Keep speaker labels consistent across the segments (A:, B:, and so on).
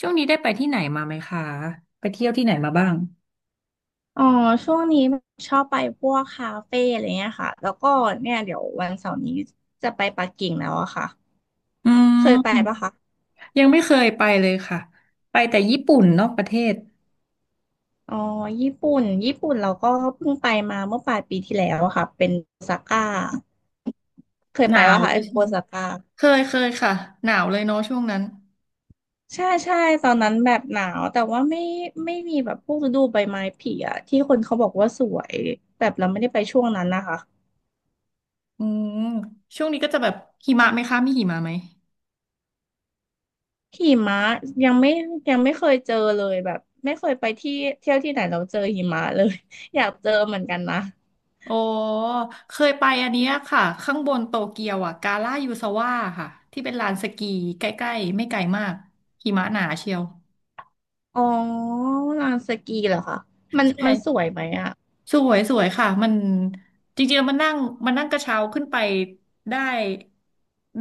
A: ช่วงนี้ได้ไปที่ไหนมาไหมคะไปเที่ยวที่ไหนมาบ้าง
B: อ๋อช่วงนี้ชอบไปพวกคาเฟ่อะไรเงี้ยค่ะแล้วก็เนี่ยเดี๋ยววันเสาร์นี้จะไปปักกิ่งแล้วอะค่ะ
A: อื
B: เคยไปปะ
A: ม
B: คะ
A: ยังไม่เคยไปเลยค่ะ ไปแต่ญี่ปุ่นนอกประเทศ
B: อ๋อญี่ปุ่นเราก็เพิ่งไปมาเมื่อปลายปีที่แล้วอะค่ะเป็นโอซาก้าเคย
A: ห
B: ไป
A: นาว
B: ปะคะ
A: เลยใช่
B: โอ
A: ไหม
B: ซาก้า
A: เคยค่ะหนาวเลยเนาะช่วงนั้น
B: ใช่ใช่ตอนนั้นแบบหนาวแต่ว่าไม่มีแบบพวกฤดูใบไม้ผลิอะที่คนเขาบอกว่าสวยแบบเราไม่ได้ไปช่วงนั้นนะคะ
A: อืมช่วงนี้ก็จะแบบหิมะไหมคะมีหิมะไหม
B: หิมะยังไม่ยังไม่เคยเจอเลยแบบไม่เคยไปที่เที่ยวที่ไหนเราเจอหิมะเลย อยากเจอเหมือนกันนะ
A: โอ้เคยไปอันเนี้ยค่ะข้างบนโตเกียวอ่ะกาล่ายูซาวะค่ะที่เป็นลานสกีใกล้ๆไม่ไกลมากหิมะหนาเชียว
B: อ๋อลานสกีเหรอคะมัน
A: ใช
B: มันสว
A: ่
B: ยไหมอ่ะ
A: สวยสวยค่ะมันจริงๆแล้วมันนั่งมันนั่งกระเช้าขึ้นไปได้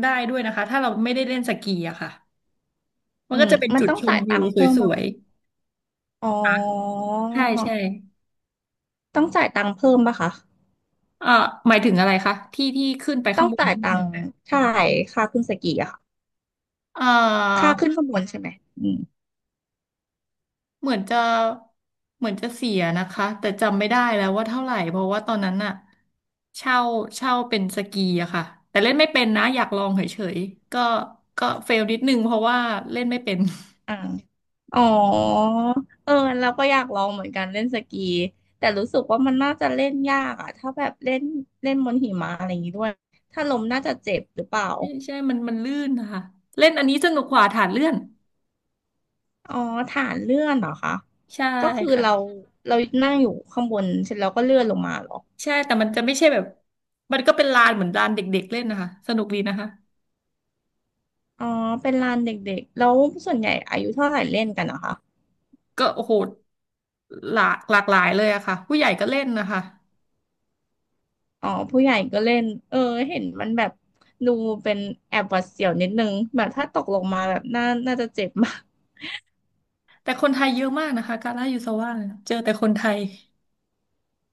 A: ได้ด้วยนะคะถ้าเราไม่ได้เล่นสกีอะค่ะมัน
B: อื
A: ก็
B: ม
A: จะเป็น
B: มัน
A: จุด
B: ต้อง
A: ชม
B: จ่าย
A: วิ
B: ตั
A: ว
B: งค์เพิ่ม
A: ส
B: ป่ะ
A: วย
B: คะอ๋อ
A: ๆค่ะใช่ใช่
B: ต้องจ่ายตังค์เพิ่มป่ะคะ
A: เอ่อหมายถึงอะไรคะที่ที่ขึ้นไป
B: ต้
A: ข้า
B: อ
A: ง
B: ง
A: บน
B: จ่าย
A: ได้
B: ตั
A: ไหม
B: งค์ใช่ค่าขึ้นสกีอะค่ะ
A: เอ่
B: ค่า
A: อ
B: ขึ้นข้างบนใช่ไหมอืม
A: เหมือนจะเหมือนจะเสียนะคะแต่จำไม่ได้แล้วว่าเท่าไหร่เพราะว่าตอนนั้นอะเช่าเช่าเป็นสกีอะค่ะแต่เล่นไม่เป็นนะอยากลองเฉยๆก็เฟลนิดนึงเพราะว่าเล่นไม่เป็น
B: อ่า อ๋อเออเราก็อยากลองเหมือนกันเล่นสกีแต่รู้สึกว่ามันน่าจะเล่นยากอะถ้าแบบเล่นเล่นบนหิมะอะไรอย่างนี้ด้วยถ้าล้มน่าจะเจ็บหรือเปล่า
A: ใช่ใช่มันลื่นนะคะเล่นอันนี้สนุกกว่าฐานเลื่อน
B: อ๋อฐานเลื่อนเหรอคะ
A: ใช่
B: ก็คือ
A: ค่ะ
B: เรานั่งอยู่ข้างบนเสร็จแล้วก็เลื่อนลงมาเหรอ
A: ใช่แต่มันจะไม่ใช่แบบ มันก็เป็นลานเหมือนลานเด็กๆเล่นนะคะสนุกดีนะคะ
B: อ๋อเป็นลานเด็กๆแล้วส่วนใหญ่อายุเท่าไหร่เล่นกันนะคะ
A: ก็โอ้โหหลากหลายเลยอะค่ะ ผู้ใหญ่ก็เล่นนะคะ
B: อ๋อผู้ใหญ่ก็เล่นเออเห็นมันแบบดูเป็นแอบหวาดเสียวนิดนึงแบบถ้าตกลงมาแบบน่าจะเจ็บมาก
A: แต่คนไทยเยอะมากนะคะกาลายูซาว่าเนี่ยเจอแต่คนไทย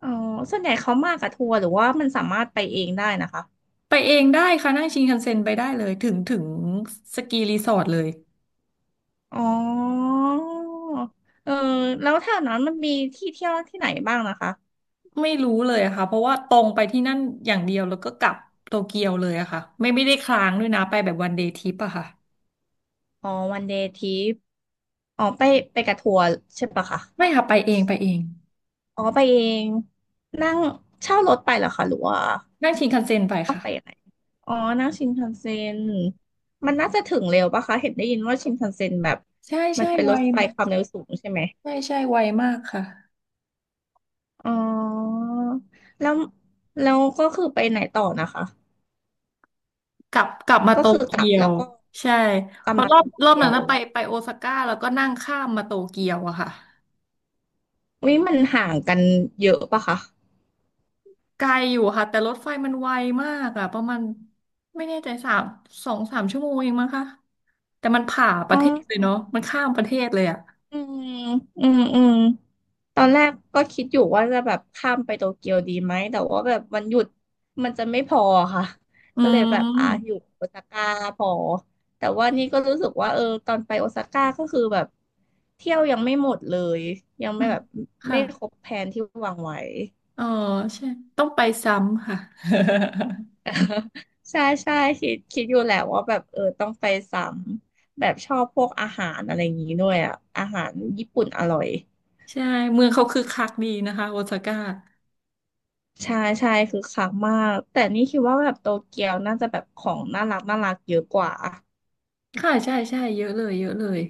B: อ๋อส่วนใหญ่เขามากับทัวร์หรือว่ามันสามารถไปเองได้นะคะ
A: ไปเองได้ค่ะ นั่งชินคันเซ็นไปได้เลย ถึงสกีรีสอร์ทเลย
B: อ๋อเออแล้วแถวนั้นมันมีที่เที่ยวที่ไหนบ้างนะคะ
A: ไม่รู้เลยอะค่ะเพราะว่าตรงไปที่นั่นอย่างเดียวแล้วก็กลับโตเกียวเลยอะค่ะไม่ได้ค้างด้วยนะไปแบบวันเดย์ทริปอะค่ะ
B: อ๋อวันเดย์ทริปอ๋อไปกับทัวร์ใช่ปะคะ
A: ไม่ค่ะไปเองไปเอง
B: อ๋อไปเองนั่งเช่ารถไปเหรอคะหรือว่า
A: นั่งชินคันเซ็นไป
B: ต้อง
A: ค่ะ
B: ไปยังไงอ๋อนั่งชินคันเซ็นมันน่าจะถึงเร็วปะคะเห็นได้ยินว่าชินคันเซ็นแบบ
A: ใช่
B: มัน
A: ใช่
B: เป็น
A: ไว
B: รถไฟความเร็วสูงใช่ไหม
A: ใช่ใช่ไวมากค่ะ
B: อ๋อแล้วแล้วก็คือไปไหนต่อนะคะ
A: กลับมา
B: ก็
A: โต
B: คือกลั
A: เกี
B: บ
A: ย
B: แล้
A: ว
B: วก็
A: ใช่
B: กลั
A: เพ
B: บ
A: ราะ
B: มา
A: รอ
B: โต
A: บรอบ
B: เกี
A: นั้
B: ย
A: น
B: ว
A: นะไปโอซาก้าแล้วก็นั่งข้ามมาโตเกียวอะค่ะ
B: วิมันห่างกันเยอะปะคะ
A: ไกลอยู่ค่ะแต่รถไฟมันไวมากอะประมาณไม่แน่ใจสามสองสามชั่วโมงเองมั้งคะแต่มันผ่าป
B: อ๋
A: ระเทศเลยเนาะ
B: อ
A: มันข้ามประเทศเลยอะ
B: อืมอืมตอนแรกก็คิดอยู่ว่าจะแบบข้ามไปโตเกียวดีไหม แต่ว่าแบบวันหยุดมันจะไม่พอค่ะ
A: อื
B: ก็เลยแบบอ่ะอยู่
A: ม
B: โอซาก้าพอ แต่ว่านี่ก็รู้สึกว่าเออตอนไปโอซาก้าก็คือแบบเที่ยวยังไม่หมดเลย ยังไม่แบบไม่คร
A: ค่ะ
B: บแผนที่วางไว้
A: เออใช่ต้องไปซ้ำค่ะ
B: ใช่ใช่คิดอยู่แหละว่าแบบเออต้องไปซ้ำแบบชอบพวกอาหารอะไรอย่างนี้ด้วยอ่ะอาหารญี่ปุ่นอร่อย
A: ใช่เมืองเขาคึกคักดีนะคะโอซาก้า
B: ใช่ใช่คือคักมากแต่นี่คิดว่าแบบโตเกียวน่าจะแบบของน่ารักเยอะกว่า
A: ค่ะใช่ใช่เยอะเลยเยอะเลย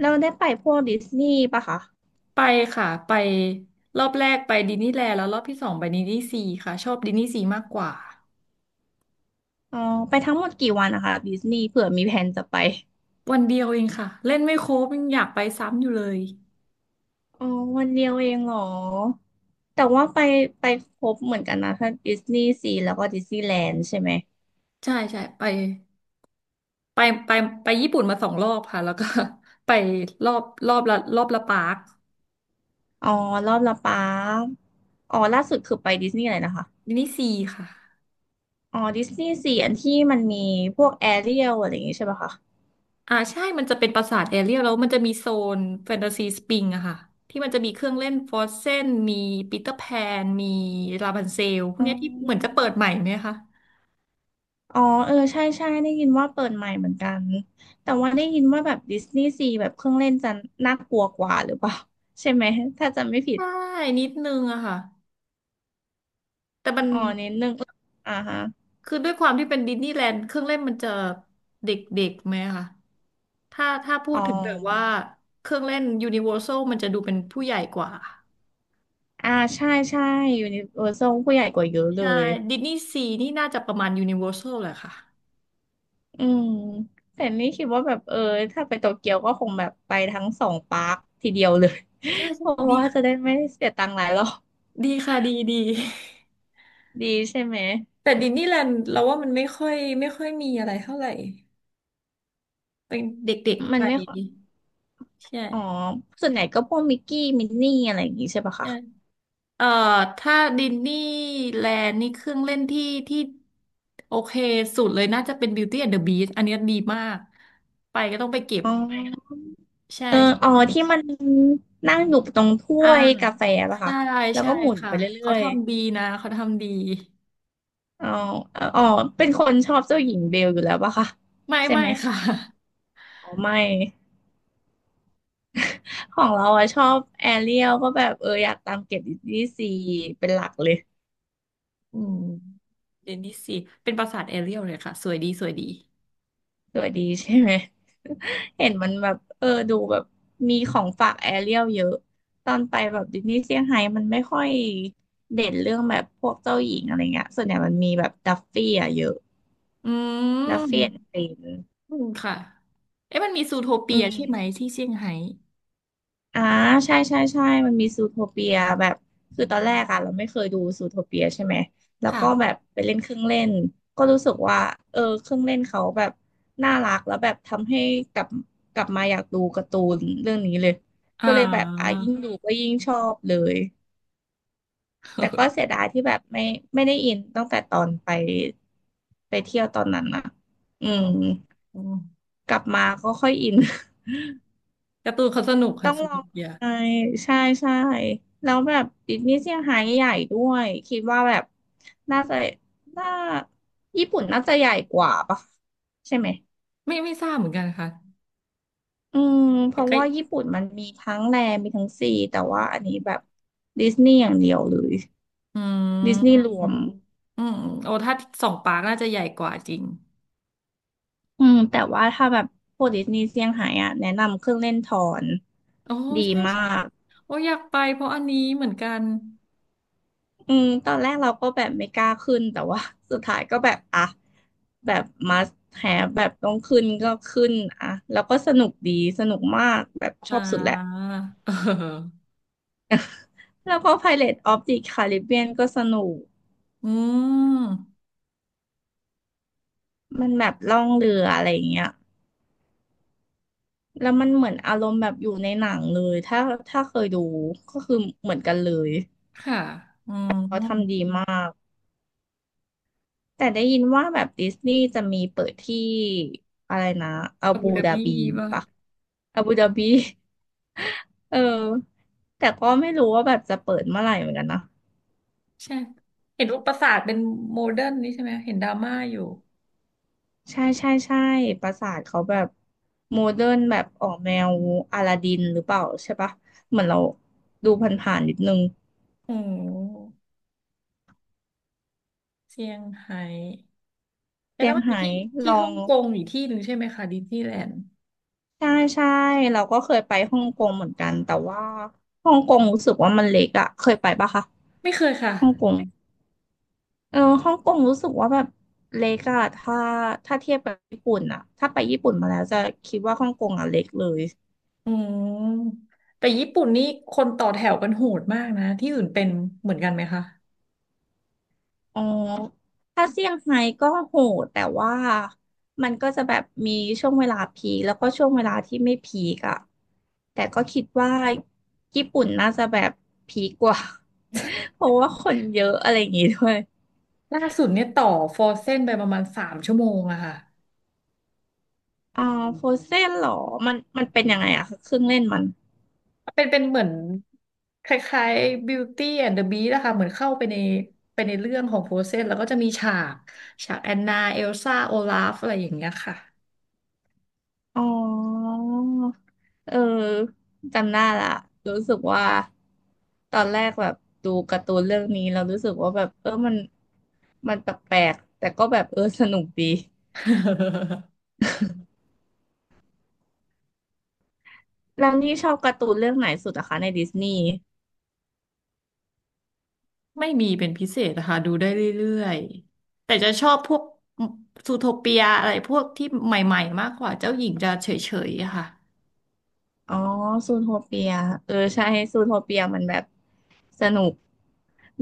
B: แล้วได้ไปพวกดิสนีย์ปะคะ
A: ไปค่ะไปรอบแรกไปดิสนีย์แลนด์แล้วรอบที่สองไปดิสนีย์ซีค่ะชอบดิสนีย์ซีมากกว่า
B: อ๋อไปทั้งหมดกี่วันนะคะดิสนีย์เผื่อมีแผนจะไป
A: วันเดียวเองค่ะเล่นไม่ครบยังอยากไปซ้ำอยู่เลย
B: อ๋อวันเดียวเองเหรอแต่ว่าไปครบเหมือนกันนะทั้งดิสนีย์ซีแล้วก็ดิสนีย์แลนด์ใช่ไหม
A: ใช่ใช่ไปไปไปญี่ปุ่นมา2 รอบค่ะแล้วก็ ไปรอบละรอบละปาร์ค
B: อ๋อรอบละปารอ๋อล่าสุดคือไปดิสนีย์อะไรนะคะ
A: ดิสนีย์ซีค่ะ
B: อ๋อดิสนีย์สี่อันที่มันมีพวกแอเรียลอะไรอย่างงี้ใช่ปะคะ
A: อ่าใช่มันจะเป็นปราสาทแอเรียลแล้วมันจะมีโซนแฟนตาซีสปริงอะค่ะที่มันจะมีเครื่องเล่นฟรอสเซนมีปีเตอร์แพนมีลาบันเซลพวก
B: อ๋
A: เนี้ยที่เหมือนจะ
B: อ
A: เปิดใหม่ไหมคะ
B: อ๋อเออใช่ใช่ได้ยินว่าเปิดใหม่เหมือนกันแต่ว่าได้ยินว่าแบบดิสนีย์ซีแบบเครื่องเล่นจะน่ากลัวกว่าหรือเปล่าใช่ไหมถ้าจำไม่ผิด
A: ใช่นิดนึงอะค่ะแต่มัน
B: อ๋อนิดนึงอ่าฮะ
A: คือด้วยความที่เป็นดิสนีย์แลนด์เครื่องเล่นมันจะเด็กๆไหมคะถ้าพู
B: อ๋
A: ด
B: อ
A: ถึงแบบว่าเครื่องเล่นยูนิเวอร์แซลมันจะดูเป็นผู้ใหญ่กว่า
B: อ่าใช่ใช่ยูนิเวอร์แซลผู้ใหญ่กว่าเยอะเล
A: ใช่
B: ย
A: ดิสนีย์ซีนี่น่าจะประมาณยูนิเวอร์แซลแหละค่ะ
B: อืมแต่นี่คิดว่าแบบเออถ้าไปโตเกียวก็คงแบบไปทั้งสองปาร์คทีเดียวเลย
A: ใช่
B: เพ
A: ใช่
B: ราะ
A: ดี
B: ว่าจะ
A: ค่ะ
B: ได้ไม่เสียตังค์หลายรอบ
A: ดีค่ะดีดี
B: ดีใช่ไหม
A: แต่ดิสนีย์แลนด์เราว่ามันไม่ค่อยมีอะไรเท่าไหร่เป็นเด็กๆ
B: มั
A: ไป
B: นไม่ค่อย
A: ใช่
B: อ๋อส่วนใหญ่ก็พวกมิกกี้มินนี่อะไรอย่างงี้ใช่ปะคะ
A: ใช่เอ่อถ้าดิสนีย์แลนด์นี่เครื่องเล่นที่โอเคสุดเลยน่าจะเป็น Beauty and the Beast อันเนี้ยดีมากไปก็ต้องไปเก็บ
B: อ๋อ
A: ใช่
B: เอออ๋อ
A: ใช่
B: ที่มันนั่งอยู่ตรงถ้
A: อ่า
B: วยกาแฟป่ะ
A: ใช่
B: คะแล้ว
A: ใช่
B: ก็หมุน
A: ค่ะ
B: ไปเรื่
A: เขา
B: อย
A: ทำดีนะเขาทำดี
B: ๆอ๋ออ๋อเป็นคนชอบเจ้าหญิงเบลอยู่แล้วป่ะคะ
A: ไม่
B: ใช่
A: ไม่
B: ไหม
A: ค่ะ
B: อ๋อไม่ ของเราอะชอบแอเรียลก็แบบเอออยากตามเก็บดิสนีย์ซีเป็นหลักเลย
A: อืมเดนนิสสิเป็นปราสาทแอเรียลเลยค่ะสวยดีสวยดี
B: ตัวดีใช่ไหมเห็นมันแบบเออดูแบบมีของฝากแอเรียลเยอะตอนไปแบบดิสนีย์เซี่ยงไฮ้มันไม่ค่อยเด่นเรื่องแบบพวกเจ้าหญิงอะไรเงี้ยส่วนใหญ่มันมีแบบดัฟฟี่อะเยอะ
A: อืม
B: ดัฟฟี่แอนด์เฟน
A: อืมค่ะเอ๊ะมันมีซูโท
B: อื
A: เปียใช่ไหม
B: ม
A: ที่เซี่ยงไฮ้
B: อ่าใช่มันมีซูโทเปียแบบคือตอนแรกอะเราไม่เคยดูซูโทเปียใช่ไหมแล้ว
A: ค่ะ
B: ก็แบบไปเล่นเครื่องเล่นก็รู้สึกว่าเออเครื่องเล่นเขาแบบน่ารักแล้วแบบทำให้กลับกลับมาอยากดูการ์ตูนเรื่องนี้เลยก็
A: อ่า
B: เลยแบบอ่ะยิ่งดูก็ยิ่งชอบเลยแต่ก็เสีย ดายที่แบบไม่ได้อินตั้งแต่ตอนไปเที่ยวตอนนั้นนะอื
A: อืม
B: ม
A: อืม
B: กลับมาก็ค่อยอิน
A: การ์ตูนเขาสนุก
B: ต้
A: ค่ะ
B: อง
A: ส
B: ลอ
A: นุก
B: ง
A: เยอะ
B: ไปใช่ใช่แล้วแบบดิสนีย์เซี่ยงไฮ้ใหญ่ด้วยคิดว่าแบบน่าจะน่าญี่ปุ่นน่าจะใหญ่กว่าปะใช่ไหม
A: ไม่ทราบเหมือนกันค่ะ
B: อืมเพ
A: แต่
B: ราะ
A: ก็
B: ว่าญี่ปุ่นมันมีทั้งแลมีทั้งซีแต่ว่าอันนี้แบบดิสนีย์อย่างเดียวเลย
A: อื
B: ดิสนีย์รวม
A: มอืมโอ้ถ้าสองปาร์คน่าจะใหญ่กว่าจริง
B: อืมแต่ว่าถ้าแบบพวกดิสนีย์เซี่ยงไฮ้อะแนะนำเครื่องเล่นทอน
A: โอ้
B: ดี
A: ใช่
B: มา
A: ใช่
B: ก
A: โอ้อยากไปเพราะอันนี้เหมือนกัน
B: อืมตอนแรกเราก็แบบไม่กล้าขึ้นแต่ว่า สุดท้ายก็แบบอ่ะแบบ must have แบบต้องขึ้นก็ขึ้นอ่ะแล้วก็สนุกดีสนุกมากแบบช
A: อ่า
B: อบสุดแหละ
A: เออ
B: แล้วก็ Pirates of the Caribbean ก็สนุก
A: อืม
B: มันแบบล่องเรืออะไรอย่างเงี้ยแล้วมันเหมือนอารมณ์แบบอยู่ในหนังเลยถ้าเคยดูก็คือเหมือนกันเลย
A: ค่ะอื
B: เขาทำดี
A: ม
B: มากแต่ได้ยินว่าแบบดิสนีย์จะมีเปิดที่อะไรนะอา
A: อาบู
B: บู
A: ดา
B: ดา
A: บี
B: บี
A: ป่ะ
B: ปะอาบูดาบี เออแต่ก็ไม่รู้ว่าแบบจะเปิดเมื่อไหร่เหมือนกันนะ
A: ใช่เห็นว่าปราสาทเป็นโมเดิร์นนี่ใช่ไหมเห็นดราม่าอยู่
B: ใช่ใช่ใช่ปราสาทเขาแบบโมเดิร์นแบบออกแนวอลาดินหรือเปล่าใช่ปะเหมือนเราดูผ่านๆนิดนึง
A: โอ้เซี่ยงไฮ้แต่
B: เซี่
A: แล้
B: ย
A: ว
B: ง
A: มันมี
B: ไฮ้
A: ที่
B: ล
A: ที่
B: อ
A: ฮ่อ
B: ง
A: งกงอีกที่หนึ่งใช่ไหมคะดิสนีย์แลนด์
B: ใช่ใช่เราก็เคยไปฮ่องกงเหมือนกันแต่ว่าฮ่องกงรู้สึกว่ามันเล็กอะเคยไปปะคะ
A: ไม่เคยค่ะ
B: ฮ่องกงเออฮ่องกงรู้สึกว่าแบบเล็กอะถ้าเทียบกับญี่ปุ่นอะถ้าไปญี่ปุ่นมาแล้วจะคิดว่าฮ่องกงอะเล็กเลย
A: อืมแต่ญี่ปุ่นนี่คนต่อแถวกันโหดมากนะที่อื่นเป็นเหมือนกันไหมคะ
B: อ๋อ ถ้าเซี่ยงไฮ้ก็โหดแต่ว่ามันก็จะแบบมีช่วงเวลาพีคแล้วก็ช่วงเวลาที่ไม่พีกอะแต่ก็คิดว่าญี่ปุ่นน่าจะแบบพีกกว่า เพราะว่าคนเยอะอะไรอย่างงี้ด้วย
A: ล่าสุดเนี่ยต่อฟอร์เซนไปประมาณสามชั่วโมงอะค่ะ
B: อ่าโฟเซ่นเหรอ มันเป็นยังไงอะคะเครื่องเล่นมัน
A: เป็นเหมือนคล้ายๆ Beauty and the Beast นะคะเหมือนเข้าไปในไปในเรื่องของฟอร์เซนแล้วก็จะมีฉากแอนนาเอลซ่าโอลาฟอะไรอย่างเงี้ยค่ะ
B: อ๋อเออจำได้ละรู้สึกว่าตอนแรกแบบดูการ์ตูนเรื่องนี้เรารู้สึกว่าแบบเออมันแปลกๆแต่ก็แบบเออสนุกดีแล้วนี่ชอบการ์ตูนเรื่องไหนสุดอะคะในดิสนีย์
A: ไม่มีเป็นพิเศษนะคะดูได้เรื่อยๆแต่จะชอบพวกซูโทเปียอะไรพวกที่ใหม่ๆมากกว่าเจ้าหญิงจะเฉยๆอะค่ะ
B: อ๋อซูโทเปียเออใช่ซูโทเปียมันแบบสนุก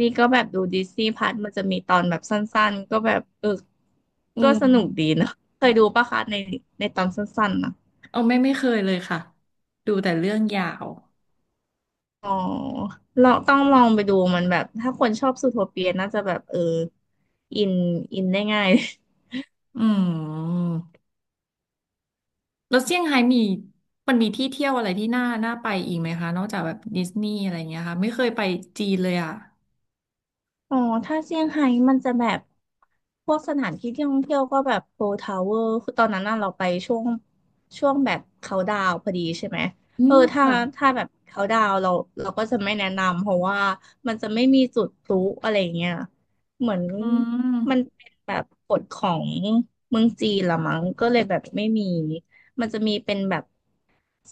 B: นี่ก็แบบดูดิสนีย์พัทมันจะมีตอนแบบสั้นๆก็แบบเออ
A: อื
B: ก็สนุกดี
A: ม
B: เนอะเคยดูปะคะในในตอนสั้นๆนะ
A: เอาไม่เคยเลยค่ะดูแต่เรื่องยาว
B: อ๋อเราต้องลองไปดูมันแบบถ้าคนชอบซูโทเปียน่าจะแบบเอออินอินได้ง่าย
A: อืมแล้วเซี่ยงไฮ้มีมันมีที่เที่ยวอะไรที่น่าน่าไปอีกไหมคะนอกจากแบบดิสนีย์อะไรอย่างเงี้ยค่ะไม่เคยไปจีนเลยอ่ะ
B: อ๋อถ้าเซี่ยงไฮ้มันจะแบบพวกสถานที่ท่องเที่ยวก็แบบโพทาวเวอร์คือตอนนั้นน่ะเราไปช่วงแบบเขาดาวน์พอดีใช่ไหม
A: อื
B: เออ
A: ม
B: ถ้า
A: ค่ะ
B: ถ้าแบบเขาดาวน์เราก็จะไม่แนะนำเพราะว่ามันจะไม่มีจุดพลุอะไรเงี้ยเหมือน
A: อื
B: มัน
A: ม
B: เป็นแบบกฎของเมืองจีนละมั้งก็เลยแบบไม่มีมันจะมีเป็นแบบ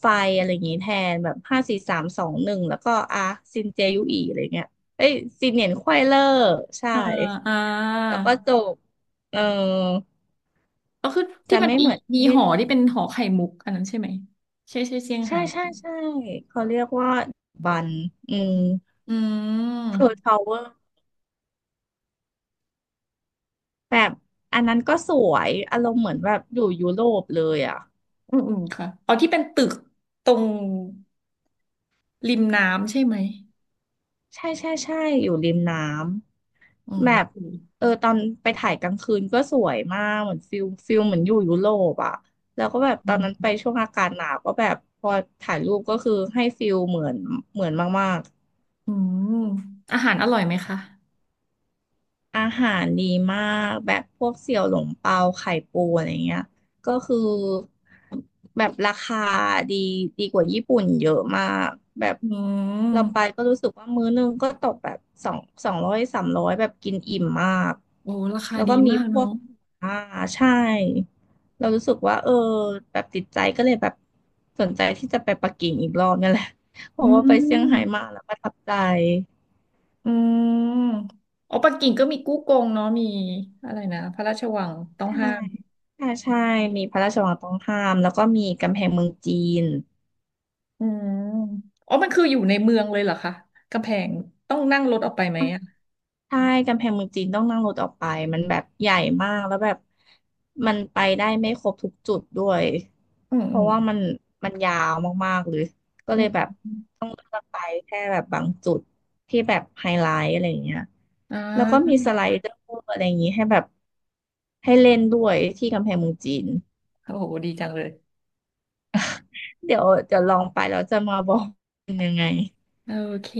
B: ไฟอะไรอย่างงี้แทนแบบ5 4 3 2 1แล้วก็อ่ะซินเจยุอีอะไรเงี้ย เอ้ยซีเนียร์ไขว้เลอร์ใช่
A: เอ่ออ่า
B: แล้วก็จบเออ
A: ก็คือที่
B: จะ
A: มัน
B: ไม่
A: มี
B: เหมือนป
A: มี
B: ระเท
A: ห
B: ศ
A: อ
B: อื่
A: ที่
B: น
A: เป็นหอไข่มุกอันนั้นใช่ไหมใช่ใช่เซี่ยง
B: ใช่
A: ไฮ้
B: ใช่ใช่เขาเรียกว่าบันอืม
A: อื
B: เพิร์ล
A: ม
B: ทาวเวอร์แบบอันนั้นก็สวยอารมณ์เหมือนแบบอยู่ยุโรปเลยอ่ะ
A: อืมอืมค่ะออที่เป็นตึกตรงริมน้ำใช่ไหม
B: ใช่ใช่ใช่อยู่ริมน้
A: อื
B: ำ
A: ม
B: แบบ
A: อืม
B: เออตอนไปถ่ายกลางคืนก็สวยมากเหมือนฟิลฟิลเหมือนอยู่ยุโรปอ่ะแล้วก็แบบตอนนั้นไปช่วงอากาศหนาวก็แบบพอถ่ายรูปก็คือให้ฟิลเหมือนเหมือนมาก
A: อืมอาหารอร่อยไหมคะ
B: อาหารดีมากแบบพวกเสี่ยวหลงเปาไข่ปูอะไรเงี้ยก็คือแบบราคาดีดีกว่าญี่ปุ่นเยอะมากแบบ
A: อื
B: เราไป
A: ม
B: ก็รู้สึกว่ามื้อนึงก็ตกแบบ2 200 300แบบกินอิ่มมาก
A: โอ้ราคา
B: แล้ว
A: ดี
B: ก็มี
A: มาก
B: พว
A: เนาะ
B: กอ่าใช่เรารู้สึกว่าเออแบบติดใจก็เลยแบบสนใจที่จะไปปักกิ่งอีกรอบนี่แหละเพ
A: อื
B: ราะว่าไปเซี่ยง
A: ม
B: ไฮ้มาแล้วประทับใจ
A: อืมอ๋อปักกิ่งก็มีกู้กงเนาะ มีอะไรนะพระราชวังต้อง
B: ใช่
A: ห้าม
B: ใช่ใช่ มีพระราชวังต้องห้าม แล้วก็มีกำแพงเมืองจีน
A: อืมอ๋อมันคืออยู่ในเมืองเลยเหรอคะ กำแพงต้องนั่งรถออกไปไหมอ่ะ
B: ใช่ กำแพงเมืองจีนต้องนั่งรถออกไปมันแบบใหญ่มากแล้วแบบมันไปได้ไม่ครบทุกจุดด้วย
A: อืม
B: เพ
A: อื
B: ราะ
A: ม
B: ว่ามันยาวมากๆเลยก็
A: อื
B: เลยแบบ
A: ม
B: ต้องเลือกไปแค่แบบบางจุดที่แบบไฮไลท์อะไรอย่างเงี้ย
A: อ่
B: แล้วก็มี
A: า
B: สไลเดอร์อะไรอย่างงี้ให้แบบให้เล่นด้วยที่กำแพงเมืองจีน
A: โอ้โหดีจังเลย
B: เดี๋ยวจะลองไปแล้วจะมาบอกเป็นยังไง
A: โอเค